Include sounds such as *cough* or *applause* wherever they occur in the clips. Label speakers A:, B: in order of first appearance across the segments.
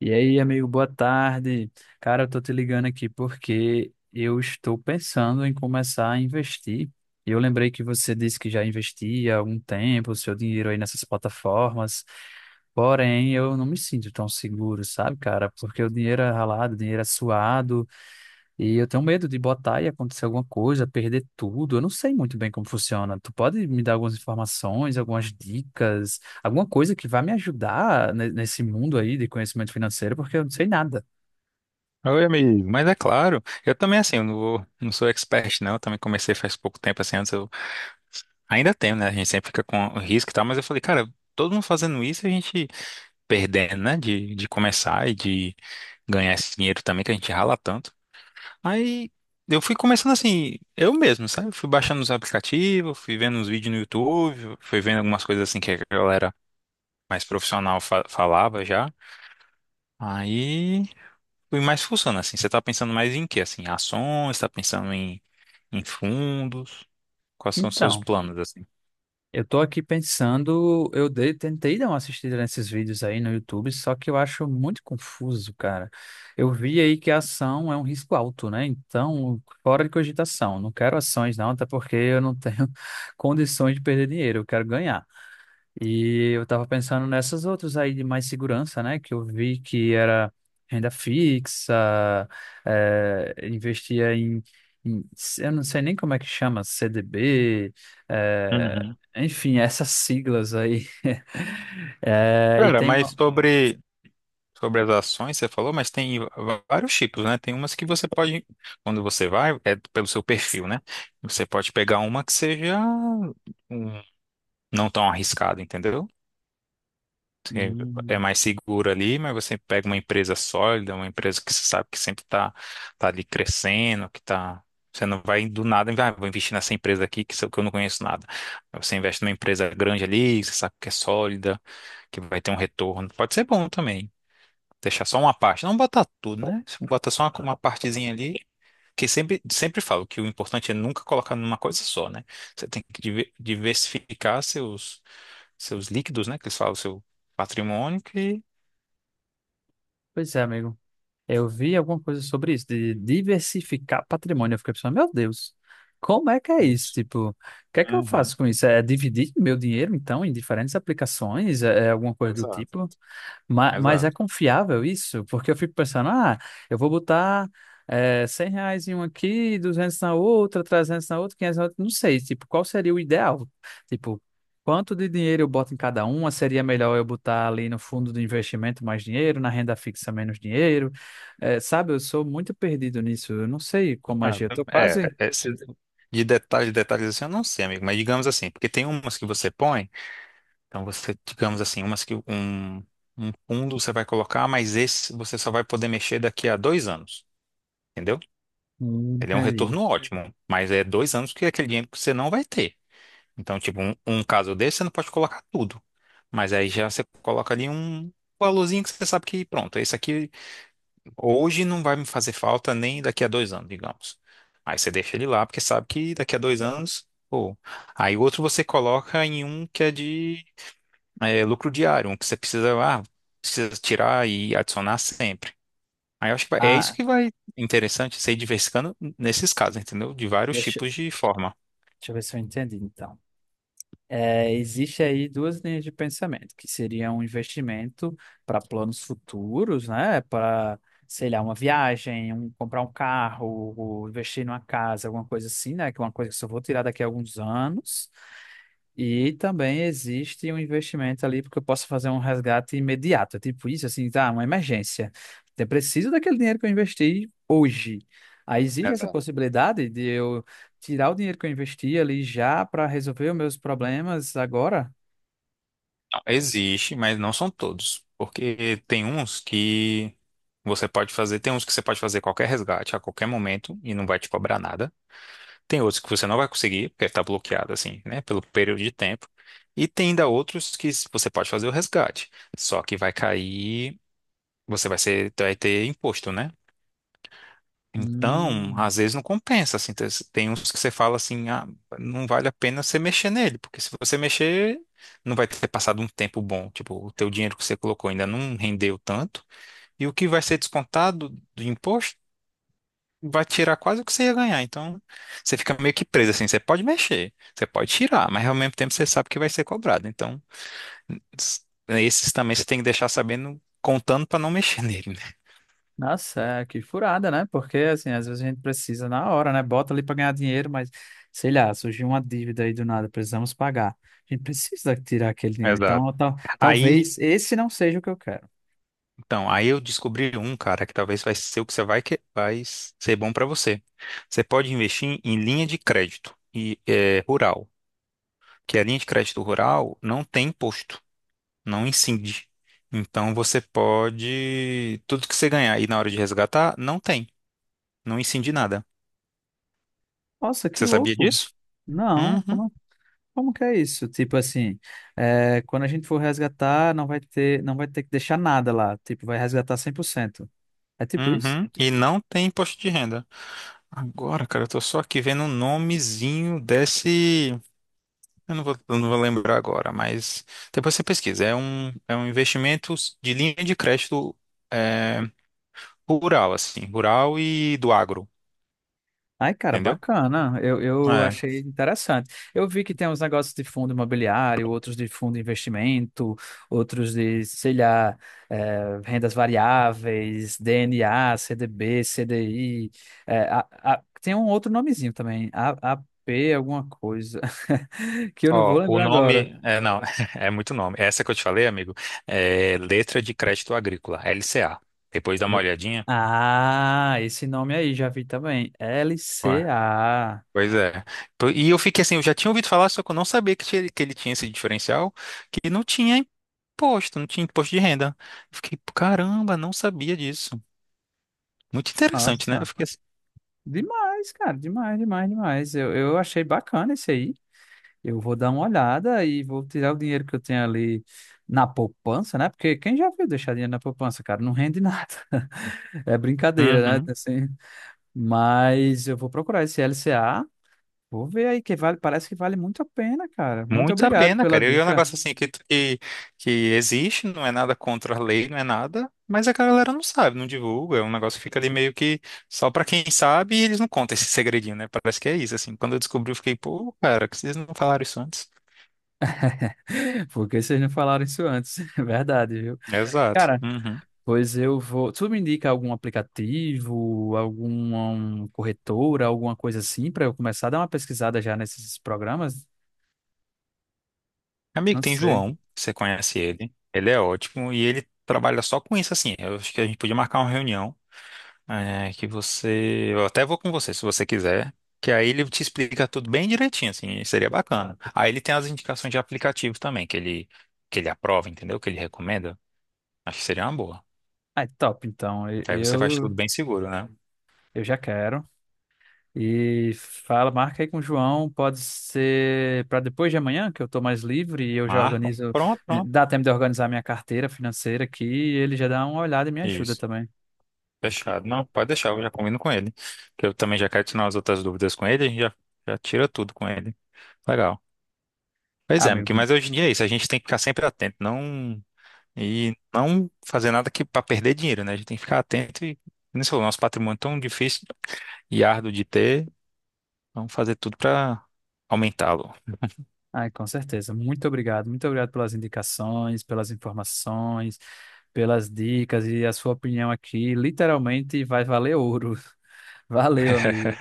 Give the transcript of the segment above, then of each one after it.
A: E aí, amigo, boa tarde. Cara, eu tô te ligando aqui porque eu estou pensando em começar a investir. Eu lembrei que você disse que já investia há algum tempo o seu dinheiro aí nessas plataformas. Porém, eu não me sinto tão seguro, sabe, cara? Porque o dinheiro é ralado, o dinheiro é suado. E eu tenho medo de botar e acontecer alguma coisa, perder tudo. Eu não sei muito bem como funciona. Tu pode me dar algumas informações, algumas dicas, alguma coisa que vá me ajudar nesse mundo aí de conhecimento financeiro, porque eu não sei nada.
B: Oi, amigo. Mas é claro, eu também, assim, eu não, vou- não sou expert, não. Eu também comecei faz pouco tempo, assim, antes eu ainda tenho, né? A gente sempre fica com o risco e tal, mas eu falei, cara, todo mundo fazendo isso, a gente perdendo, né? De começar e de ganhar esse dinheiro também, que a gente rala tanto. Aí eu fui começando assim, eu mesmo, sabe? Fui baixando os aplicativos, fui vendo uns vídeos no YouTube, fui vendo algumas coisas assim que a galera mais profissional falava já. Aí. E mais funciona assim? Você tá pensando mais em quê? Assim, ações? Tá pensando em, em fundos? Quais são os seus
A: Então,
B: planos, assim?
A: eu tô aqui pensando, tentei dar uma assistida nesses vídeos aí no YouTube, só que eu acho muito confuso, cara. Eu vi aí que a ação é um risco alto, né? Então, fora de cogitação. Não quero ações, não, até porque eu não tenho *laughs* condições de perder dinheiro, eu quero ganhar. E eu tava pensando nessas outras aí de mais segurança, né? Que eu vi que era renda fixa, investia em, eu não sei nem como é que chama, CDB, eh,
B: Uhum.
A: enfim, *laughs* essas siglas aí. *laughs* E
B: Cara,
A: tem
B: mas
A: uma.
B: sobre, sobre as ações, você falou, mas tem vários tipos, né? Tem umas que você pode, quando você vai, é pelo seu perfil, né? Você pode pegar uma que seja um- não tão arriscada, entendeu? É
A: Hum,
B: mais seguro ali, mas você pega uma empresa sólida, uma empresa que você sabe que sempre está tá tá ali crescendo, que tá. Você não vai do nada, ah, vou investir nessa empresa aqui que, que eu não conheço nada. Você investe numa empresa grande ali, que você sabe que é sólida, que vai ter um retorno. Pode ser bom também. Deixar só uma parte. Não botar tudo, né? Você bota só uma partezinha ali. Que sempre falo que o importante é nunca colocar numa coisa só, né? Você tem que diversificar seus, seus líquidos, né? Que eles falam, seu patrimônio, que
A: pois é, amigo. Eu vi alguma coisa sobre isso, de diversificar patrimônio. Eu fiquei pensando, meu Deus, como é que é isso?
B: Isso.
A: Tipo, o que é que eu
B: Uhum.
A: faço com isso? É dividir meu dinheiro, então, em diferentes aplicações? É alguma coisa do
B: Exato,
A: tipo? Mas, é
B: exato.
A: confiável isso? Porque eu fico pensando, ah, eu vou botar R$ 100 em um aqui, 200 na outra, 300 na outra, 500 na outra, não sei, tipo, qual seria o ideal? Tipo, quanto de dinheiro eu boto em cada uma? Seria melhor eu botar ali no fundo do investimento mais dinheiro, na renda fixa menos dinheiro? Sabe, eu sou muito perdido nisso, eu não sei como
B: Ah,
A: agir, eu tô
B: é,
A: quase...
B: é, se- de detalhes assim, eu não sei, amigo, mas digamos assim, porque tem umas que você põe, então você, digamos assim, umas que um fundo você vai colocar, mas esse você só vai poder mexer daqui a dois anos, entendeu? Ele é um
A: Entendi.
B: retorno ótimo, mas é dois anos que é aquele dinheiro que você não vai ter. Então, tipo, um caso desse, você não pode colocar tudo, mas aí já você coloca ali um valorzinho que você sabe que, pronto, esse aqui hoje não vai me fazer falta nem daqui a dois anos, digamos. Aí você deixa ele lá, porque sabe que daqui a dois anos. Pô. Aí o outro você coloca em um que é de é, lucro diário, um que você precisa, ah, precisa tirar e adicionar sempre. Aí eu acho que é isso
A: Ah,
B: que vai interessante, você ir diversificando nesses casos, entendeu? De vários
A: deixa,
B: tipos de forma.
A: deixa eu ver se eu entendi, então. É, existe aí duas linhas de pensamento, que seria um investimento para planos futuros, né? Para, sei lá, uma viagem, um, comprar um carro, ou investir numa casa, alguma coisa assim, né? Que é uma coisa que eu só vou tirar daqui a alguns anos. E também existe um investimento ali, porque eu posso fazer um resgate imediato. É tipo isso, assim, tá, uma emergência. Eu preciso daquele dinheiro que eu investi hoje. Aí existe essa
B: Exato.
A: possibilidade de eu tirar o dinheiro que eu investi ali já para resolver os meus problemas agora?
B: Existe, mas não são todos. Porque tem uns que você pode fazer, tem uns que você pode fazer qualquer resgate a qualquer momento e não vai te cobrar nada. Tem outros que você não vai conseguir, porque está bloqueado, assim, né, pelo período de tempo. E tem ainda outros que você pode fazer o resgate. Só que vai cair, vai ter imposto, né? Então,
A: Hum,
B: às vezes não compensa, assim. Tem uns que você fala assim, ah, não vale a pena você mexer nele, porque se você mexer, não vai ter passado um tempo bom. Tipo, o teu dinheiro que você colocou ainda não rendeu tanto, e o que vai ser descontado do imposto vai tirar quase o que você ia ganhar. Então, você fica meio que preso assim. Você pode mexer, você pode tirar, mas ao mesmo tempo você sabe que vai ser cobrado. Então, s- esses também você tem que deixar sabendo, contando para não mexer *laughs* nele, né?
A: nossa, é, que furada, né? Porque, assim, às vezes a gente precisa na hora, né? Bota ali para ganhar dinheiro, mas, sei lá, surgiu uma dívida aí do nada, precisamos pagar. A gente precisa tirar aquele dinheiro.
B: Exato.
A: Então,
B: Aí,
A: talvez esse não seja o que eu quero.
B: então, aí eu descobri um, cara, que talvez vai ser o que você vai que vai ser bom para você. Você pode investir em linha de crédito e eh, rural, que a linha de crédito rural não tem imposto. Não incide. Então você pode. Tudo que você ganhar e na hora de resgatar, não tem. Não incide nada.
A: Nossa, que
B: Você sabia
A: louco!
B: disso?
A: Não,
B: Uhum.
A: como que é isso? Tipo assim, é, quando a gente for resgatar, não vai ter que deixar nada lá. Tipo, vai resgatar 100%. É tipo isso?
B: Uhum. E não tem imposto de renda. Agora, cara, eu tô só aqui vendo o nomezinho desse. Eu não vou lembrar agora, mas depois você pesquisa. É um investimento de linha de crédito é, rural, assim, rural e do agro,
A: Ai, cara,
B: entendeu?
A: bacana. Eu
B: É.
A: achei interessante. Eu vi que tem uns negócios de fundo imobiliário, outros de fundo de investimento, outros de, sei lá, rendas variáveis, DNA, CDB, CDI. Tem um outro nomezinho também, AP, alguma coisa, *laughs* que eu não vou
B: Ó, o
A: lembrar agora.
B: nome, é, não, *laughs* é muito nome. Essa que eu te falei, amigo, é Letra de Crédito Agrícola, LCA. Depois dá uma
A: Eh,
B: olhadinha.
A: Ah, esse nome aí, já vi também. L C
B: Ué.
A: A.
B: Pois é. E eu fiquei assim, eu já tinha ouvido falar, só que eu não sabia que, que ele tinha esse diferencial, que não tinha imposto, não tinha imposto de renda. Eu fiquei, caramba, não sabia disso. Muito interessante, né? Eu
A: Nossa.
B: fiquei assim.
A: Demais, cara, demais, demais, demais. Eu achei bacana isso aí. Eu vou dar uma olhada e vou tirar o dinheiro que eu tenho ali na poupança, né? Porque quem já viu deixar dinheiro na poupança, cara, não rende nada. *laughs* É brincadeira, né?
B: "Uhum."
A: Assim, mas eu vou procurar esse LCA, vou ver aí que vale, parece que vale muito a pena, cara. Muito
B: Muito a
A: obrigado
B: pena,
A: pela
B: cara. E é um
A: dica.
B: negócio assim que existe, não é nada contra a lei, não é nada, mas a galera não sabe, não divulga. É um negócio que fica ali meio que só pra quem sabe e eles não contam esse *laughs* segredinho, né? Parece que é isso, assim. Quando eu descobri, eu fiquei, pô, cara, que vocês não falaram isso antes?
A: *laughs* Porque vocês não falaram isso antes, *laughs* é verdade, viu?
B: Exato.
A: Cara,
B: Uhum.
A: pois eu vou. Tu me indica algum aplicativo, corretora, alguma coisa assim, para eu começar a dar uma pesquisada já nesses programas?
B: Amigo,
A: Não
B: tem
A: sei.
B: João, você conhece ele. Ele é ótimo e ele trabalha só com isso, assim. Eu acho que a gente podia marcar uma reunião. É, que você. Eu até vou com você, se você quiser. Que aí ele te explica tudo bem direitinho, assim, seria bacana. Aí ele tem as indicações de aplicativo também, que ele aprova, entendeu? Que ele recomenda. Acho que seria uma boa.
A: Ah, é top, então.
B: Que aí você faz tudo bem seguro, né?
A: Eu já quero. E fala, marca aí com o João, pode ser para depois de amanhã, que eu estou mais livre e eu já
B: Marcam.
A: organizo.
B: Pronto.
A: Dá tempo de organizar minha carteira financeira aqui e ele já dá uma olhada e me ajuda
B: Isso.
A: também.
B: Fechado. Não, pode deixar, eu já combino com ele. Que eu também já quero tirar as outras dúvidas com ele, já tira tudo com ele. Legal. Pois
A: Ah,
B: é,
A: meu,
B: Miki, mas hoje em dia é isso, a gente tem que ficar sempre atento, não. E não fazer nada que para perder dinheiro, né? A gente tem que ficar atento e, como você falou, nosso patrimônio é tão difícil e árduo de ter, vamos fazer tudo para aumentá-lo,
A: ai, com certeza. Muito obrigado. Muito obrigado pelas indicações, pelas informações, pelas dicas e a sua opinião aqui. Literalmente vai valer ouro. *laughs* Valeu,
B: *laughs*
A: amigo.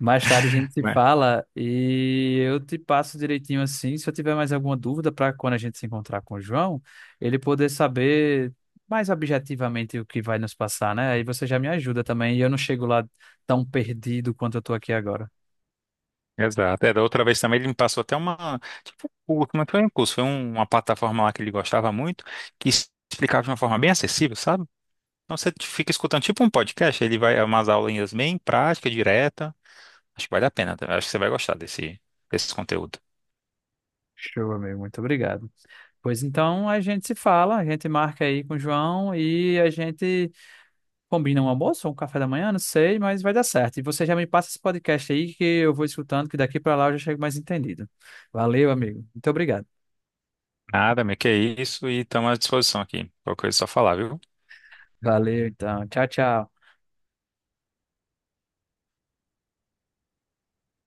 A: Mais tarde a gente se
B: né?
A: fala e eu te passo direitinho assim. Se eu tiver mais alguma dúvida para quando a gente se encontrar com o João, ele poder saber mais objetivamente o que vai nos passar, né? Aí você já me ajuda também e eu não chego lá tão perdido quanto eu tô aqui agora.
B: Exato. É, da outra vez também ele me passou até uma, tipo, um curso, mas foi um curso, uma plataforma lá que ele gostava muito, que explicava de uma forma bem acessível, sabe? Então você fica escutando tipo um podcast, ele vai umas aulinhas bem práticas, direta, acho que vale a pena. Acho que você vai gostar desse conteúdo.
A: Show, amigo. Muito obrigado. Pois então a gente se fala, a gente marca aí com o João e a gente combina um almoço ou um café da manhã, não sei, mas vai dar certo. E você já me passa esse podcast aí que eu vou escutando, que daqui para lá eu já chego mais entendido. Valeu, amigo. Muito obrigado.
B: Nada, meu, que é isso. E estamos à disposição aqui. Qualquer coisa é só falar, viu?
A: Valeu, então. Tchau, tchau.